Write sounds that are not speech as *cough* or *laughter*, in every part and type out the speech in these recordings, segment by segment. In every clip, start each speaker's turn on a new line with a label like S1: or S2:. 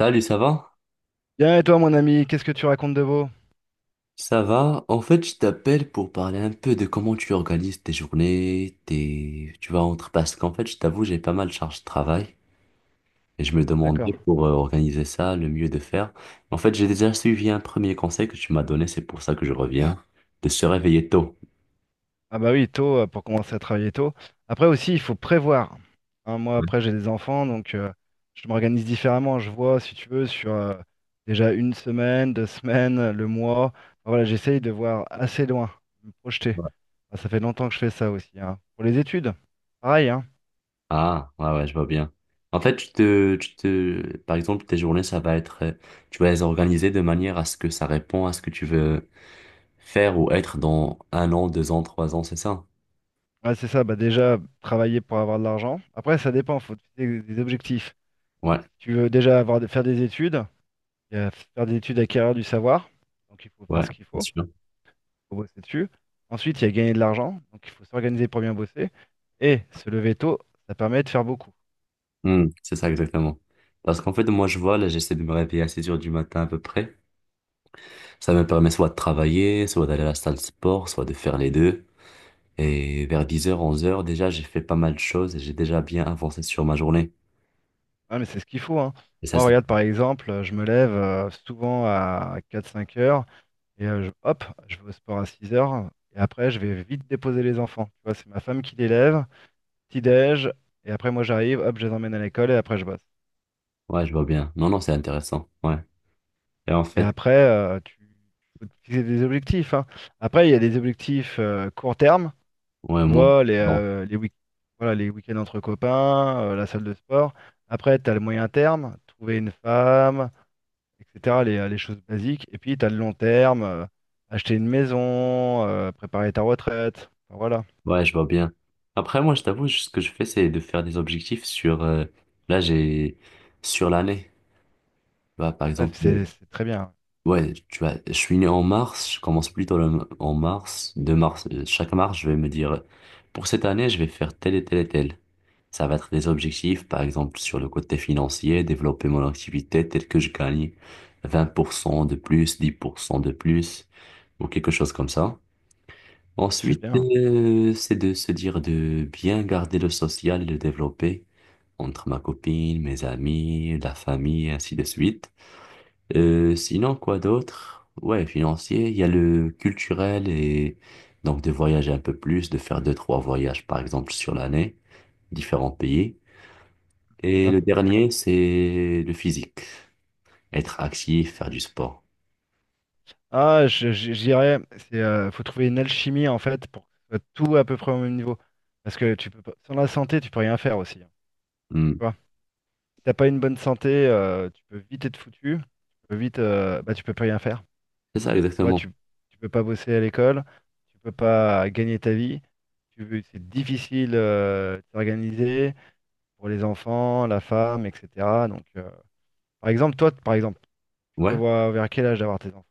S1: Salut, ça va?
S2: Bien, et toi, mon ami, qu'est-ce que tu racontes de beau?
S1: Ça va? En fait, je t'appelle pour parler un peu de comment tu organises tes journées, tes... tu vas entre... Parce qu'en fait, je t'avoue, j'ai pas mal de charge de travail et je me demandais
S2: D'accord.
S1: pour organiser ça, le mieux de faire. En fait, j'ai déjà suivi un premier conseil que tu m'as donné, c'est pour ça que je reviens, de se réveiller tôt.
S2: Ah bah oui, tôt, pour commencer à travailler tôt. Après aussi, il faut prévoir. Hein, moi, après, j'ai des enfants, donc je m'organise différemment. Je vois, si tu veux, sur déjà une semaine, deux semaines, le mois. Enfin, voilà, j'essaye de voir assez loin, de me projeter. Ah, ça fait longtemps que je fais ça aussi, hein. Pour les études, pareil, hein.
S1: Ah, ouais, ouais, je vois bien. En fait, Par exemple, tes journées, ça va être... Tu vas les organiser de manière à ce que ça répond à ce que tu veux faire ou être dans un an, deux ans, trois ans, c'est ça?
S2: Ouais, c'est ça, bah déjà, travailler pour avoir de l'argent. Après, ça dépend, faut te fixer des objectifs.
S1: Ouais.
S2: Tu veux déjà avoir, faire des études, il y a faire des études, acquérir du savoir. Donc il faut faire
S1: Ouais,
S2: ce qu'il
S1: bien
S2: faut, il
S1: sûr.
S2: faut bosser dessus. Ensuite, il y a gagner de l'argent. Donc il faut s'organiser pour bien bosser. Et se lever tôt, ça permet de faire beaucoup.
S1: Hmm, c'est ça exactement. Parce qu'en fait, moi, je vois, là, j'essaie de me réveiller à 6 heures du matin à peu près. Ça me permet soit de travailler, soit d'aller à la salle de sport, soit de faire les deux. Et vers 10 heures, 11 heures, déjà, j'ai fait pas mal de choses et j'ai déjà bien avancé sur ma journée.
S2: Ah, mais c'est ce qu'il faut, hein.
S1: Et ça,
S2: Moi,
S1: c'est...
S2: regarde, par exemple, je me lève souvent à quatre cinq heures et hop, je vais au sport à 6 heures. Et après, je vais vite déposer les enfants. Tu vois, c'est ma femme qui les lève, petit-déj, et après, moi, j'arrive, hop, je les emmène à l'école et après, je bosse.
S1: Ouais, je vois bien. Non, non, c'est intéressant. Ouais. Et en
S2: Et
S1: fait,
S2: après, tu faut te fixer des objectifs, hein. Après, il y a des objectifs court terme.
S1: ouais,
S2: Tu
S1: moi,
S2: vois,
S1: non.
S2: les week voilà, les week-ends entre copains, la salle de sport. Après, tu as le moyen terme, trouver une femme, etc., les choses basiques. Et puis, tu as le long terme, acheter une maison, préparer ta retraite. Enfin, voilà.
S1: Ouais, je vois bien. Après, moi, je t'avoue, ce que je fais, c'est de faire des objectifs sur... Là, j'ai... Sur l'année. Bah, par
S2: Ouais,
S1: exemple...
S2: c'est très bien.
S1: Ouais, tu vois, je suis né en mars, je commence plutôt en mars, 2 mars. Chaque mars, je vais me dire, pour cette année, je vais faire tel et tel et tel. Ça va être des objectifs, par exemple, sur le côté financier, développer mon activité telle que je gagne 20% de plus, 10% de plus, ou quelque chose comme ça.
S2: C'est
S1: Ensuite,
S2: bien.
S1: c'est de se dire de bien garder le social et le développer entre ma copine, mes amis, la famille, et ainsi de suite. Sinon, quoi d'autre? Ouais, financier, il y a le culturel et donc de voyager un peu plus, de faire deux, trois voyages par exemple sur l'année, différents pays.
S2: C'est
S1: Et
S2: ça,
S1: le
S2: faut
S1: dernier,
S2: s'organiser.
S1: c'est le physique, être actif, faire du sport.
S2: Ah, je dirais, faut trouver une alchimie, en fait, pour que ce soit tout à peu près au même niveau. Parce que tu peux pas, sans la santé, tu peux rien faire aussi, hein.
S1: Hmm,
S2: Tu vois, t'as pas une bonne santé, tu peux vite être foutu. Tu peux vite, bah, tu peux plus rien faire.
S1: c'est ça
S2: Tu vois,
S1: exactement.
S2: tu peux pas bosser à l'école, tu peux pas gagner ta vie. C'est difficile de s'organiser pour les enfants, la femme, etc. Donc, par exemple, toi, par exemple, tu
S1: Ouais.
S2: prévois vers quel âge d'avoir tes enfants?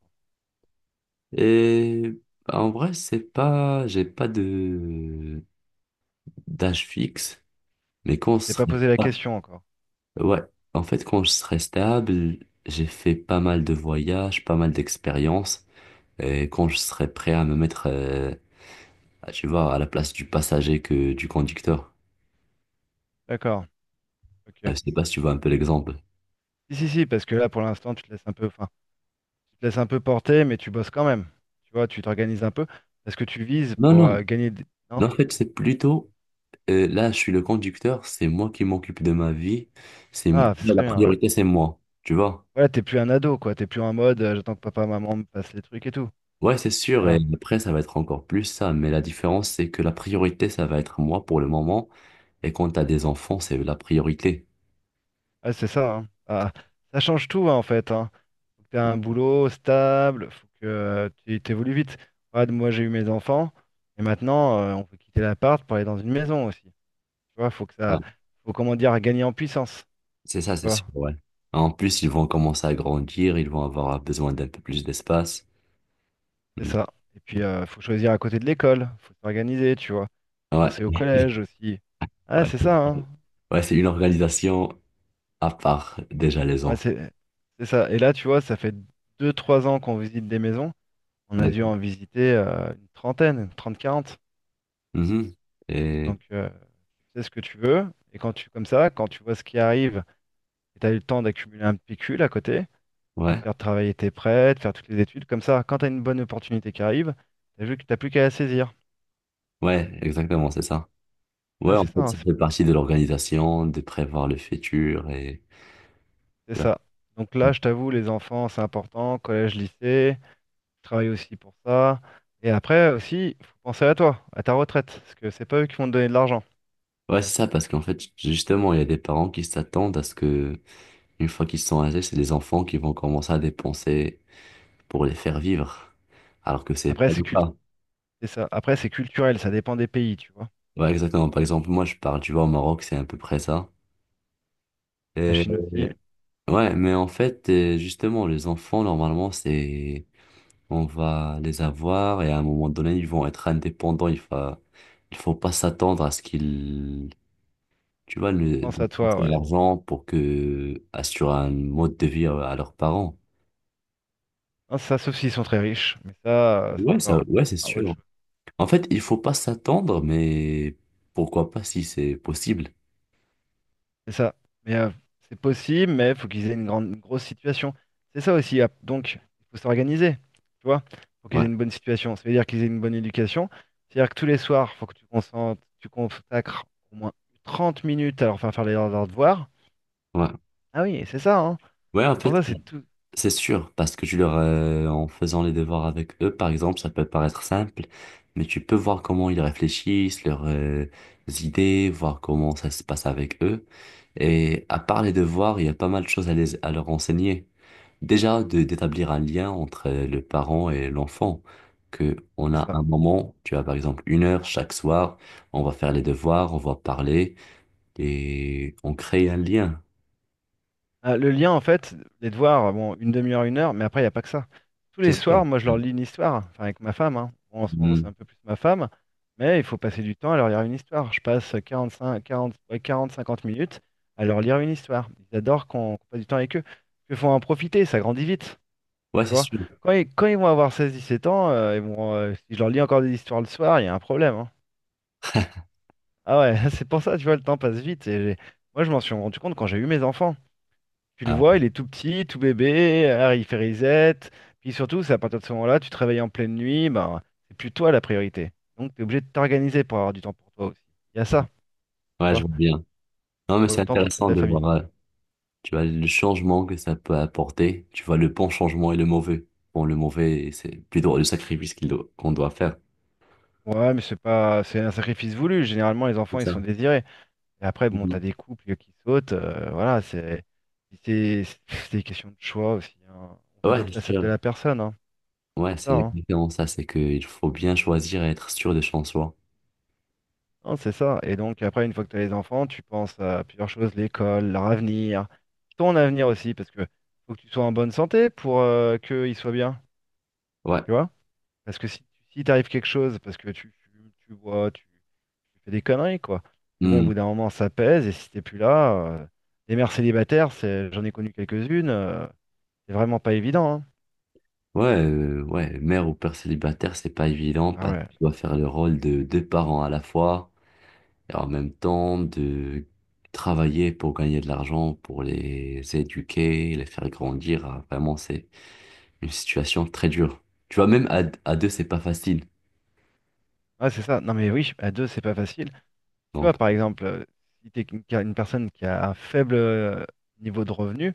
S1: Et bah, en vrai, c'est pas, j'ai pas de d'âge fixe, mais quand je
S2: T'es pas
S1: serai,
S2: posé la question encore.
S1: ouais, en fait, quand je serai stable, j'ai fait pas mal de voyages, pas mal d'expériences. Et quand je serai prêt à me mettre, tu vois, à la place du passager que du conducteur.
S2: D'accord. Ok.
S1: Je sais pas si tu vois un peu l'exemple.
S2: Si, si, si, parce que là, pour l'instant, tu te laisses un peu, enfin, tu te laisses un peu porter, mais tu bosses quand même. Tu vois, tu t'organises un peu parce que tu vises
S1: Non,
S2: pour
S1: non,
S2: gagner des... Non?
S1: non, en fait, c'est plutôt, là, je suis le conducteur, c'est moi qui m'occupe de ma vie, c'est,
S2: Ah, c'est
S1: la
S2: très bien. Ouais.
S1: priorité, c'est moi, tu vois.
S2: Voilà, t'es plus un ado, quoi. T'es plus en mode, j'attends que papa, maman me passe les trucs et tout.
S1: Ouais, c'est sûr, et
S2: Voilà.
S1: après, ça va être encore plus ça, mais la différence, c'est que la priorité, ça va être moi pour le moment, et quand t'as des enfants, c'est la priorité.
S2: Ouais, c'est ça, hein. Ah, ça change tout, hein, en fait, hein. Faut que t'aies un boulot stable, faut que tu t'évolues vite. Regarde, moi, j'ai eu mes enfants, et maintenant, on peut quitter l'appart pour aller dans une maison aussi. Tu vois, faut que
S1: Ouais,
S2: ça, faut comment dire, gagner en puissance.
S1: c'est ça,
S2: Tu
S1: c'est
S2: vois,
S1: sûr, ouais. En plus, ils vont commencer à grandir, ils vont avoir besoin d'un peu plus d'espace.
S2: c'est
S1: Mm.
S2: ça. Et puis, faut choisir à côté de l'école, faut s'organiser, tu vois. Penser au
S1: Ouais.
S2: collège aussi. Ah,
S1: Ouais,
S2: c'est
S1: c'est
S2: ça,
S1: ça.
S2: hein.
S1: Ouais, c'est une organisation à part, déjà, les
S2: Ouais,
S1: enfants.
S2: c'est ça. Et là, tu vois, ça fait deux trois ans qu'on visite des maisons. On a dû
S1: D'accord.
S2: en visiter une trentaine, une 30, 40.
S1: Mhm. Et
S2: Donc, tu sais ce que tu veux. Et quand tu, comme ça, quand tu vois ce qui arrive, et tu as eu le temps d'accumuler un pécule à côté, ça va
S1: ouais,
S2: te faire travailler tes prêts, de faire toutes les études. Comme ça, quand tu as une bonne opportunité qui arrive, t'as vu que t'as plus qu'à la saisir.
S1: ouais, exactement, c'est ça. Ouais,
S2: Ah,
S1: en
S2: c'est ça,
S1: fait,
S2: hein,
S1: ça
S2: c'est
S1: fait partie de l'organisation, de prévoir le futur et...
S2: c'est
S1: Ouais,
S2: ça. Donc là, je t'avoue, les enfants, c'est important. Collège, lycée, je travaille aussi pour ça. Et après aussi, il faut penser à toi, à ta retraite, parce que c'est pas eux qui vont te donner de l'argent.
S1: ouais, c'est ça, parce qu'en fait, justement, il y a des parents qui s'attendent à ce que, une fois qu'ils sont âgés, c'est les enfants qui vont commencer à dépenser pour les faire vivre, alors que c'est
S2: Après,
S1: pas le cas.
S2: c'est ça. Après, c'est culturel, ça dépend des pays, tu vois.
S1: Ouais, exactement. Par exemple, moi, je parle, tu vois, au Maroc, c'est à peu près ça.
S2: La
S1: Et
S2: Chine aussi.
S1: ouais, mais en fait, justement, les enfants, normalement, c'est, on va les avoir et à un moment donné, ils vont être indépendants. Il faut pas s'attendre à ce qu'ils, tu vois, le,
S2: Pense à
S1: dépensent
S2: toi,
S1: de
S2: ouais.
S1: l'argent pour que, assurer un mode de vie à leurs parents.
S2: Non, ça, sauf s'ils sont très riches, mais ça, c'est
S1: Ouais, ça,
S2: encore
S1: ouais, c'est
S2: ah, autre
S1: sûr.
S2: chose.
S1: En fait, il faut pas s'attendre, mais pourquoi pas si c'est possible.
S2: C'est ça. Mais c'est possible, mais il faut qu'ils aient une grande, une grosse situation. C'est ça aussi, ah. Donc, il faut s'organiser, tu vois. Il faut qu'ils
S1: Ouais,
S2: aient une bonne situation. Ça veut dire qu'ils aient une bonne éducation. C'est-à-dire que tous les soirs, il faut que tu consacres au moins 30 minutes à leur faire faire leurs devoirs.
S1: ouais.
S2: Ah oui, c'est ça, hein.
S1: Ouais, en
S2: C'est pour
S1: fait,
S2: ça, c'est tout.
S1: c'est sûr, parce que tu leur, en faisant les devoirs avec eux, par exemple, ça peut paraître simple, mais tu peux voir comment ils réfléchissent, leurs idées, voir comment ça se passe avec eux. Et à part les devoirs, il y a pas mal de choses à leur enseigner. Déjà, d'établir un lien entre le parent et l'enfant, que on
S2: C'est
S1: a
S2: ça.
S1: un moment, tu as par exemple une heure chaque soir, on va faire les devoirs, on va parler et on crée un lien.
S2: Ah, le lien, en fait, les devoirs, bon, une demi-heure, une heure, mais après, il n'y a pas que ça. Tous
S1: C'est
S2: les
S1: sûr.
S2: soirs, moi, je leur lis une histoire, enfin, avec ma femme, hein. Bon, en ce moment, c'est
S1: Mm.
S2: un peu plus ma femme, mais il faut passer du temps à leur lire une histoire. Je passe 45, 40, ouais, 40 50 minutes à leur lire une histoire. Ils adorent qu'on passe du temps avec eux. Il faut en profiter, ça grandit vite,
S1: Ouais,
S2: tu
S1: c'est
S2: vois.
S1: sûr.
S2: Quand ils vont avoir seize dix-sept ans, si je leur lis encore des histoires le soir, il y a un problème, hein. Ah ouais, *laughs* c'est pour ça, tu vois, le temps passe vite. Moi, je m'en suis rendu compte quand j'ai eu mes enfants. Tu le
S1: Ah,
S2: vois, il est tout petit, tout bébé, alors il fait reset. Puis surtout, c'est à partir de ce moment-là, tu te réveilles en pleine nuit, ben, c'est plus toi la priorité. Donc, tu es obligé de t'organiser pour avoir du temps pour toi aussi. Il y a ça, tu
S1: ouais, je
S2: vois,
S1: vois bien. Non, mais
S2: pour
S1: c'est
S2: le temps pour toute
S1: intéressant
S2: la
S1: de
S2: famille.
S1: voir, tu vois, le changement que ça peut apporter. Tu vois, le bon changement et le mauvais. Bon, le mauvais, c'est plutôt le sacrifice qu'on doit faire.
S2: Ouais, mais c'est pas, c'est un sacrifice voulu. Généralement, les
S1: C'est
S2: enfants, ils sont
S1: ça.
S2: désirés. Et après, bon, t'as
S1: Mhm.
S2: des couples qui sautent. Voilà, c'est des questions de choix aussi, hein. On voit
S1: Ouais,
S2: d'autres
S1: c'est
S2: facettes de
S1: sûr.
S2: la personne, hein.
S1: Ouais,
S2: C'est ça,
S1: c'est
S2: hein.
S1: exactement ça. C'est qu'il faut bien choisir et être sûr de son soi.
S2: Non, c'est ça. Et donc après, une fois que tu as les enfants, tu penses à plusieurs choses, l'école, leur avenir, ton avenir aussi, parce que faut que tu sois en bonne santé pour qu'ils soient bien,
S1: Ouais.
S2: tu vois? Parce que si t'arrive quelque chose, parce que tu fumes, tu bois, tu fais des conneries, quoi. Mais bon, au bout
S1: Mhm.
S2: d'un moment, ça pèse, et si t'es plus là, les mères célibataires, c'est, j'en ai connu quelques-unes, c'est vraiment pas évident, hein.
S1: Ouais, ouais, mère ou père célibataire, c'est pas évident
S2: Ah
S1: parce que
S2: ouais.
S1: tu dois faire le rôle de deux parents à la fois et en même temps de travailler pour gagner de l'argent, pour les éduquer, les faire grandir. Ah, vraiment, c'est une situation très dure. Tu vois, même à deux, c'est pas facile.
S2: Ah, c'est ça. Non mais oui, à deux, c'est pas facile. Tu
S1: Donc,
S2: vois, par exemple, si t'es une personne qui a un faible niveau de revenu,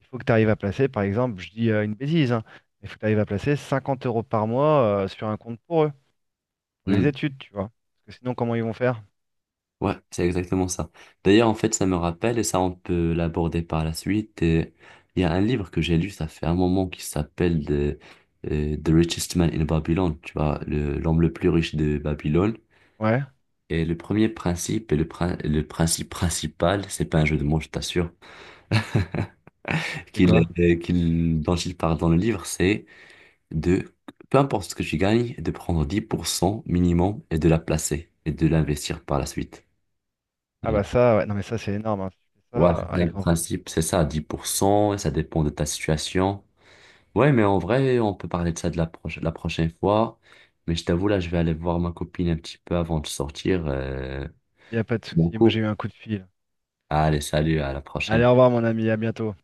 S2: il faut que tu arrives à placer, par exemple, je dis une bêtise, hein, mais il faut que tu arrives à placer 50 € par mois sur un compte pour eux, pour les
S1: hmm,
S2: études, tu vois. Parce que sinon, comment ils vont faire?
S1: ouais, c'est exactement ça. D'ailleurs, en fait, ça me rappelle, et ça, on peut l'aborder par la suite. Et il y a un livre que j'ai lu, ça fait un moment, qui s'appelle The Richest Man in Babylon. Tu vois, l'homme le plus riche de Babylone.
S2: Ouais,
S1: Et le premier principe, le principe principal, c'est pas un jeu de mots, je t'assure, *laughs*
S2: c'est quoi?
S1: dont il parle dans le livre, c'est de, peu importe ce que tu gagnes, de prendre 10% minimum et de la placer et de l'investir par la suite.
S2: Ah
S1: Hmm.
S2: bah ça, ouais, non mais ça c'est énorme, hein. Si tu fais
S1: Ouais,
S2: ça,
S1: c'est ça le
S2: avec...
S1: principe, c'est ça, 10%, et ça dépend de ta situation. Ouais, mais en vrai, on peut parler de ça de la prochaine fois. Mais je t'avoue, là, je vais aller voir ma copine un petit peu avant de sortir
S2: Il n'y a pas de
S1: mon
S2: souci. Moi j'ai
S1: cours.
S2: eu un coup de fil.
S1: Allez, salut, à la
S2: Allez,
S1: prochaine.
S2: au revoir mon ami, à bientôt.